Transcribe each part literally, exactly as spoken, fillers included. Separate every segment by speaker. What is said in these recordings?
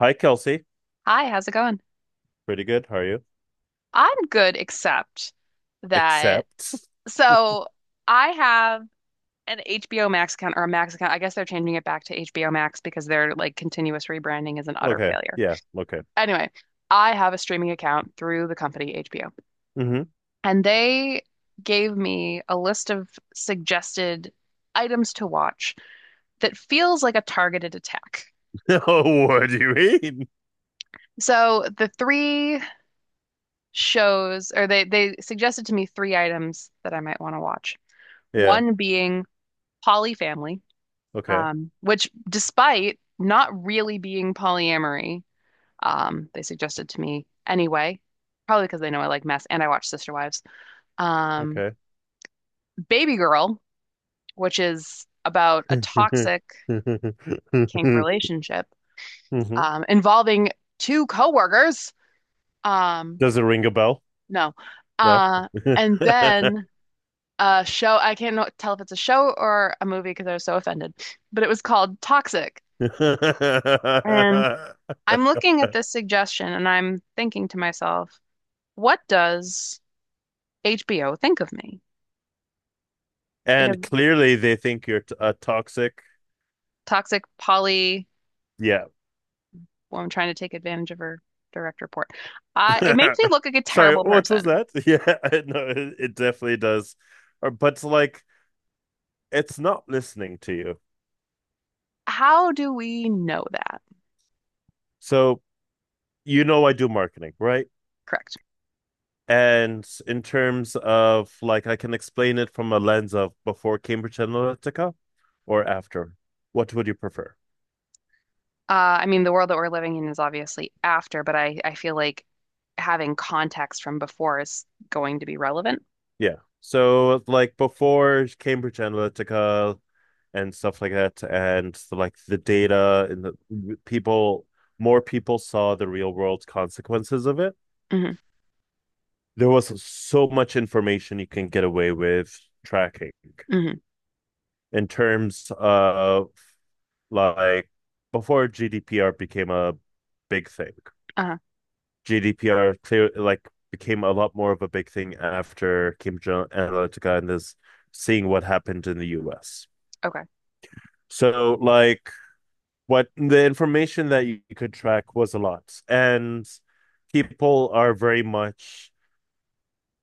Speaker 1: Hi, Kelsey.
Speaker 2: Hi, how's it going?
Speaker 1: Pretty good. How are you?
Speaker 2: I'm good, except that,
Speaker 1: Except.
Speaker 2: so I have an H B O Max account or a Max account. I guess they're changing it back to H B O Max because their like continuous rebranding is an utter
Speaker 1: Okay.
Speaker 2: failure.
Speaker 1: Yeah. Okay.
Speaker 2: Anyway, I have a streaming account through the company H B O,
Speaker 1: Hmm.
Speaker 2: and they gave me a list of suggested items to watch that feels like a targeted attack.
Speaker 1: Oh, what do you mean?
Speaker 2: So the three shows, or they they suggested to me three items that I might want to watch.
Speaker 1: Yeah.
Speaker 2: One being polyfamily,
Speaker 1: Okay.
Speaker 2: um, which, despite not really being polyamory, um, they suggested to me anyway, probably because they know I like mess and I watch Sister Wives. Um,
Speaker 1: Okay.
Speaker 2: Baby Girl, which is about a
Speaker 1: Hmm.
Speaker 2: toxic kink relationship um, involving two coworkers. Um,
Speaker 1: Does it ring a bell?
Speaker 2: no.
Speaker 1: No.
Speaker 2: Uh, and then a show, I can't tell if it's a show or a movie because I was so offended, but it was called Toxic. And I'm looking at this suggestion and I'm thinking to myself, what does H B O think of me? Because
Speaker 1: And clearly they think you're t a toxic.
Speaker 2: Toxic Polly,
Speaker 1: Yeah.
Speaker 2: well, I'm trying to take advantage of her direct report. Uh, it makes me look like a
Speaker 1: Sorry,
Speaker 2: terrible
Speaker 1: what was
Speaker 2: person.
Speaker 1: that? Yeah, I know it, it definitely does. Or, but like it's not listening to you.
Speaker 2: How do we know that?
Speaker 1: So you know I do marketing, right?
Speaker 2: Correct.
Speaker 1: And in terms of like I can explain it from a lens of before Cambridge Analytica or after. What would you prefer?
Speaker 2: Uh, I mean, the world that we're living in is obviously after, but I, I feel like having context from before is going to be relevant.
Speaker 1: Yeah. So like before Cambridge Analytica and stuff like that and like the data and the people more people saw the real world consequences of it.
Speaker 2: Hmm.
Speaker 1: There was so much information you can get away with tracking
Speaker 2: Hmm.
Speaker 1: in terms of like before G D P R became a big thing.
Speaker 2: Uh-huh.
Speaker 1: G D P R clear like became a lot more of a big thing after Cambridge Analytica and this seeing what happened in the U S.
Speaker 2: Okay.
Speaker 1: So like what the information that you could track was a lot. And people are very much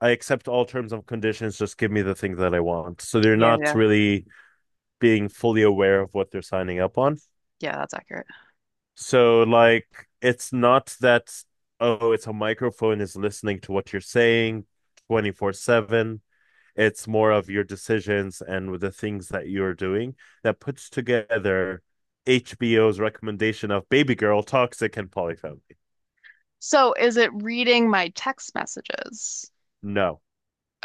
Speaker 1: I accept all terms and conditions, just give me the thing that I want. So they're
Speaker 2: Yeah,
Speaker 1: not
Speaker 2: yeah.
Speaker 1: really being fully aware of what they're signing up on.
Speaker 2: Yeah, that's accurate.
Speaker 1: So like it's not that, oh, it's a microphone is listening to what you're saying twenty-four seven. It's more of your decisions and with the things that you're doing that puts together H B O's recommendation of Baby Girl, Toxic and Polyfamily.
Speaker 2: So is it reading my text messages?
Speaker 1: No,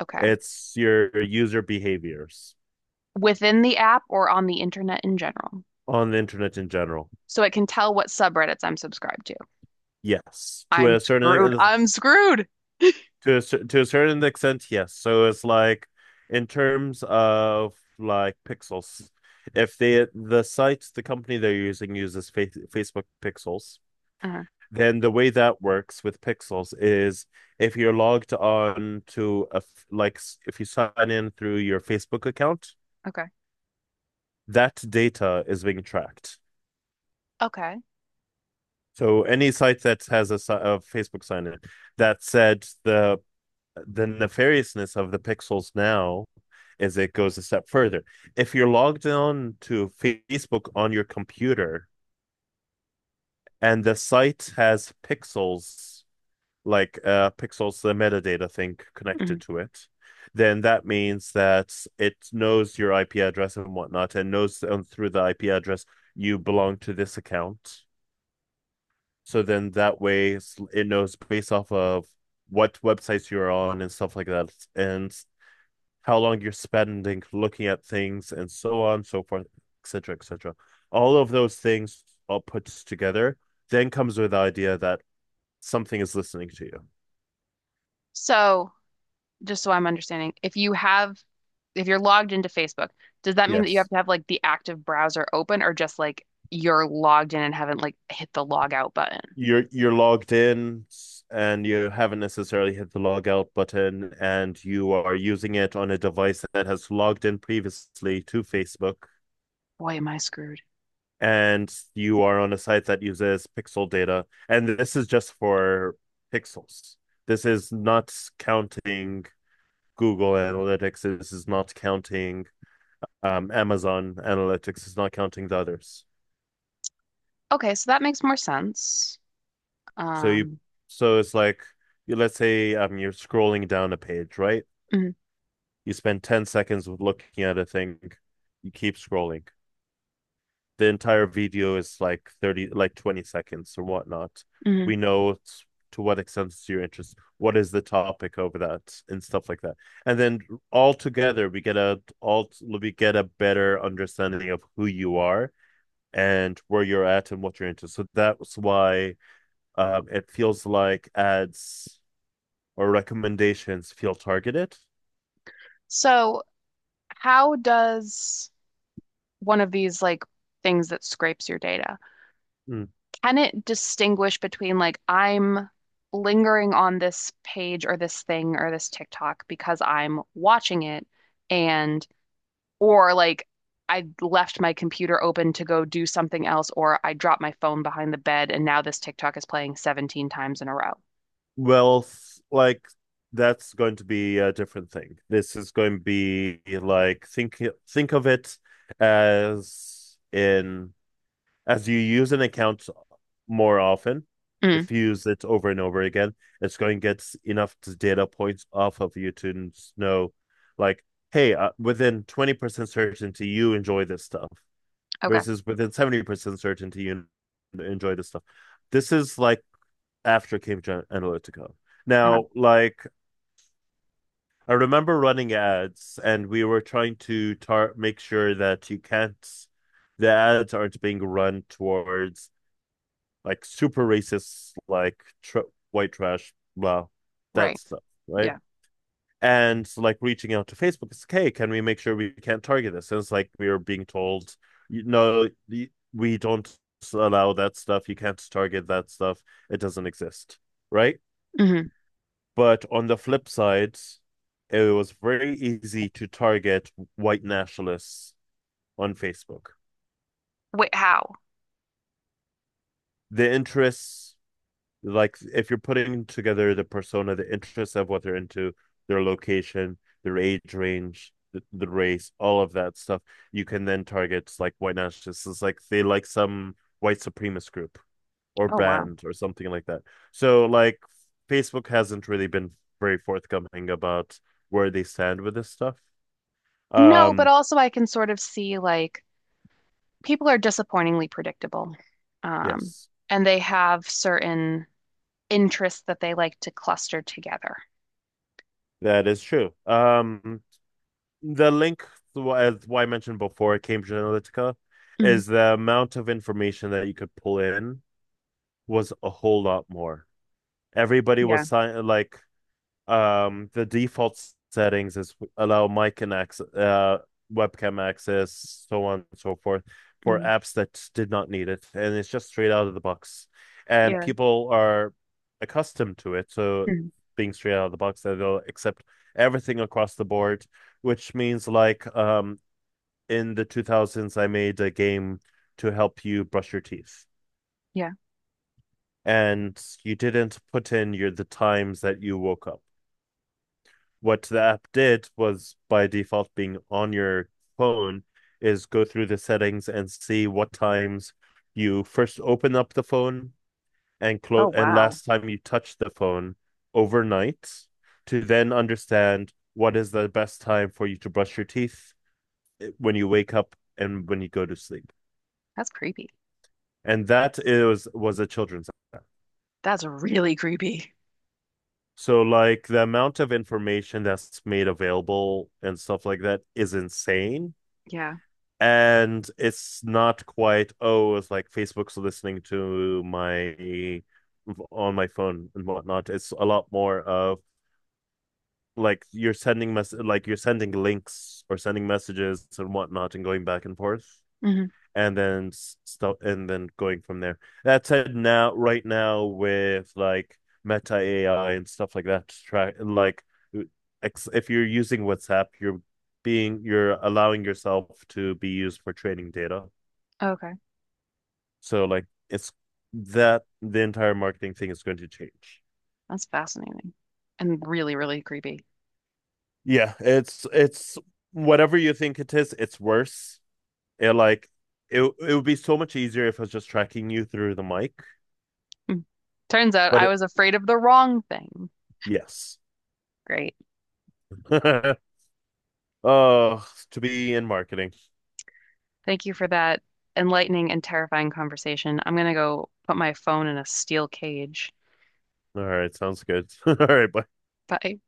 Speaker 2: Okay.
Speaker 1: it's your user behaviors
Speaker 2: Within the app or on the internet in general.
Speaker 1: on the internet in general.
Speaker 2: So it can tell what subreddits I'm subscribed to.
Speaker 1: Yes, to
Speaker 2: I'm
Speaker 1: a
Speaker 2: screwed.
Speaker 1: certain
Speaker 2: I'm screwed.
Speaker 1: to a, cer- to a certain extent, yes. So it's like in terms of like pixels, if they the site the company they're using uses fa Facebook pixels,
Speaker 2: Uh,
Speaker 1: then the way that works with pixels is if you're logged on to a f- like s- if you sign in through your Facebook account,
Speaker 2: okay.
Speaker 1: that data is being tracked.
Speaker 2: Okay.
Speaker 1: So any site that has a, si- a Facebook sign in, that said, the the nefariousness of the pixels now is it goes a step further. If you're logged on to Facebook on your computer and the site has pixels, like uh, pixels, the metadata thing connected
Speaker 2: Mhm.
Speaker 1: to it, then that means that it knows your I P address and whatnot and knows, um, through the I P address, you belong to this account. So then that way it knows based off of what websites you're on and stuff like that. And how long you're spending looking at things, and so on, so forth, et cetera, et cetera. All of those things all put together then comes with the idea that something is listening to you.
Speaker 2: So just so I'm understanding, if you have, if you're logged into Facebook, does that mean that you have
Speaker 1: Yes,
Speaker 2: to have like the active browser open or just like you're logged in and haven't like hit the log out button?
Speaker 1: you're you're logged in, and you haven't necessarily hit the log out button, and you are using it on a device that has logged in previously to Facebook,
Speaker 2: Boy, am I screwed.
Speaker 1: and you are on a site that uses pixel data, and this is just for pixels. This is not counting Google Analytics is, is not counting, um, Amazon Analytics is not counting the others.
Speaker 2: Okay, so that makes more sense.
Speaker 1: So you
Speaker 2: Um,
Speaker 1: so it's like, let's say, um, you're scrolling down a page, right?
Speaker 2: mhm,
Speaker 1: You spend ten seconds looking at a thing, you keep scrolling. The entire video is like thirty, like twenty seconds or whatnot. We
Speaker 2: mhm.
Speaker 1: know, to what extent is your interest, what is the topic over that, and stuff like that. And then all together, we get a all we get a better understanding of who you are and where you're at and what you're into. So that's why, um, it feels like ads or recommendations feel targeted.
Speaker 2: So how does one of these like things that scrapes your data,
Speaker 1: Mm.
Speaker 2: can it distinguish between like I'm lingering on this page or this thing or this TikTok because I'm watching it and or like I left my computer open to go do something else or I dropped my phone behind the bed and now this TikTok is playing seventeen times in a row.
Speaker 1: Well, like, that's going to be a different thing. This is going to be like, think think of it as in As you use an account more often,
Speaker 2: Mm,
Speaker 1: if you use it over and over again, it's going to get enough data points off of you to know, like, hey, uh, within twenty percent certainty, you enjoy this stuff
Speaker 2: okay.
Speaker 1: versus within seventy percent certainty, you enjoy this stuff. This is like after Cambridge Analytica.
Speaker 2: Uh-huh.
Speaker 1: Now, like, I remember running ads and we were trying to tar- make sure that, you can't, the ads aren't being run towards like super racist, like tr white trash, blah, that
Speaker 2: Right.
Speaker 1: stuff, right?
Speaker 2: Yeah.
Speaker 1: And so, like, reaching out to Facebook, it's like, hey, can we make sure we can't target this? And it's like we are being told, you know, we don't allow that stuff. You can't target that stuff. It doesn't exist, right?
Speaker 2: Hmm.
Speaker 1: But on the flip side, it was very easy to target white nationalists on Facebook.
Speaker 2: Wait, how?
Speaker 1: The interests, like, if you're putting together the persona, the interests of what they're into, their location, their age range, the, the race, all of that stuff, you can then target like white nationalists. It's like they like some white supremacist group or
Speaker 2: Oh, wow.
Speaker 1: brand or something like that. So like Facebook hasn't really been very forthcoming about where they stand with this stuff.
Speaker 2: No, but
Speaker 1: Um,
Speaker 2: also I can sort of see like people are disappointingly predictable. Um,
Speaker 1: yes,
Speaker 2: and they have certain interests that they like to cluster together.
Speaker 1: that is true. Um, The link, as why I mentioned before, Cambridge Analytica,
Speaker 2: Mm,
Speaker 1: is the amount of information that you could pull in was a whole lot more. Everybody was
Speaker 2: yeah.
Speaker 1: sign like um the default settings is allow mic and access, uh, webcam access, so on and so forth, for
Speaker 2: Mm,
Speaker 1: apps that did not need it, and it's just straight out of the box, and
Speaker 2: yeah.
Speaker 1: people are accustomed to it, so
Speaker 2: Mm.
Speaker 1: being straight out of the box, that they'll accept everything across the board, which means like, um in the two thousands, I made a game to help you brush your teeth.
Speaker 2: Yeah.
Speaker 1: And you didn't put in your the times that you woke up. What the app did was by default being on your phone is go through the settings and see what times you first open up the phone and
Speaker 2: Oh,
Speaker 1: close, and
Speaker 2: wow.
Speaker 1: last time you touch the phone overnight, to then understand what is the best time for you to brush your teeth, eh, when you wake up and when you go to sleep.
Speaker 2: That's creepy.
Speaker 1: And that is was a children's.
Speaker 2: That's really creepy.
Speaker 1: So like the amount of information that's made available and stuff like that is insane,
Speaker 2: Yeah.
Speaker 1: and it's not quite, oh, it's like Facebook's listening to my on my phone and whatnot. It's a lot more of like you're sending mess like you're sending links or sending messages and whatnot, and going back and forth,
Speaker 2: Hmm.
Speaker 1: and then stuff, and then going from there. That said, now right now with like Meta A I and stuff like that, to track like, uh, ex- if you're using WhatsApp, you're being you're allowing yourself to be used for training data.
Speaker 2: Okay,
Speaker 1: So like it's that the entire marketing thing is going to change.
Speaker 2: that's fascinating and really, really creepy.
Speaker 1: Yeah, it's it's whatever you think it is, it's worse. It like it it would be so much easier if I was just tracking you through the mic,
Speaker 2: Mm. Turns out
Speaker 1: but
Speaker 2: I
Speaker 1: it,
Speaker 2: was afraid of the wrong thing.
Speaker 1: yes.
Speaker 2: Great.
Speaker 1: Oh, to be in marketing.
Speaker 2: Thank you for that enlightening and terrifying conversation. I'm gonna go put my phone in a steel cage.
Speaker 1: All right, sounds good. All right, bye.
Speaker 2: Bye.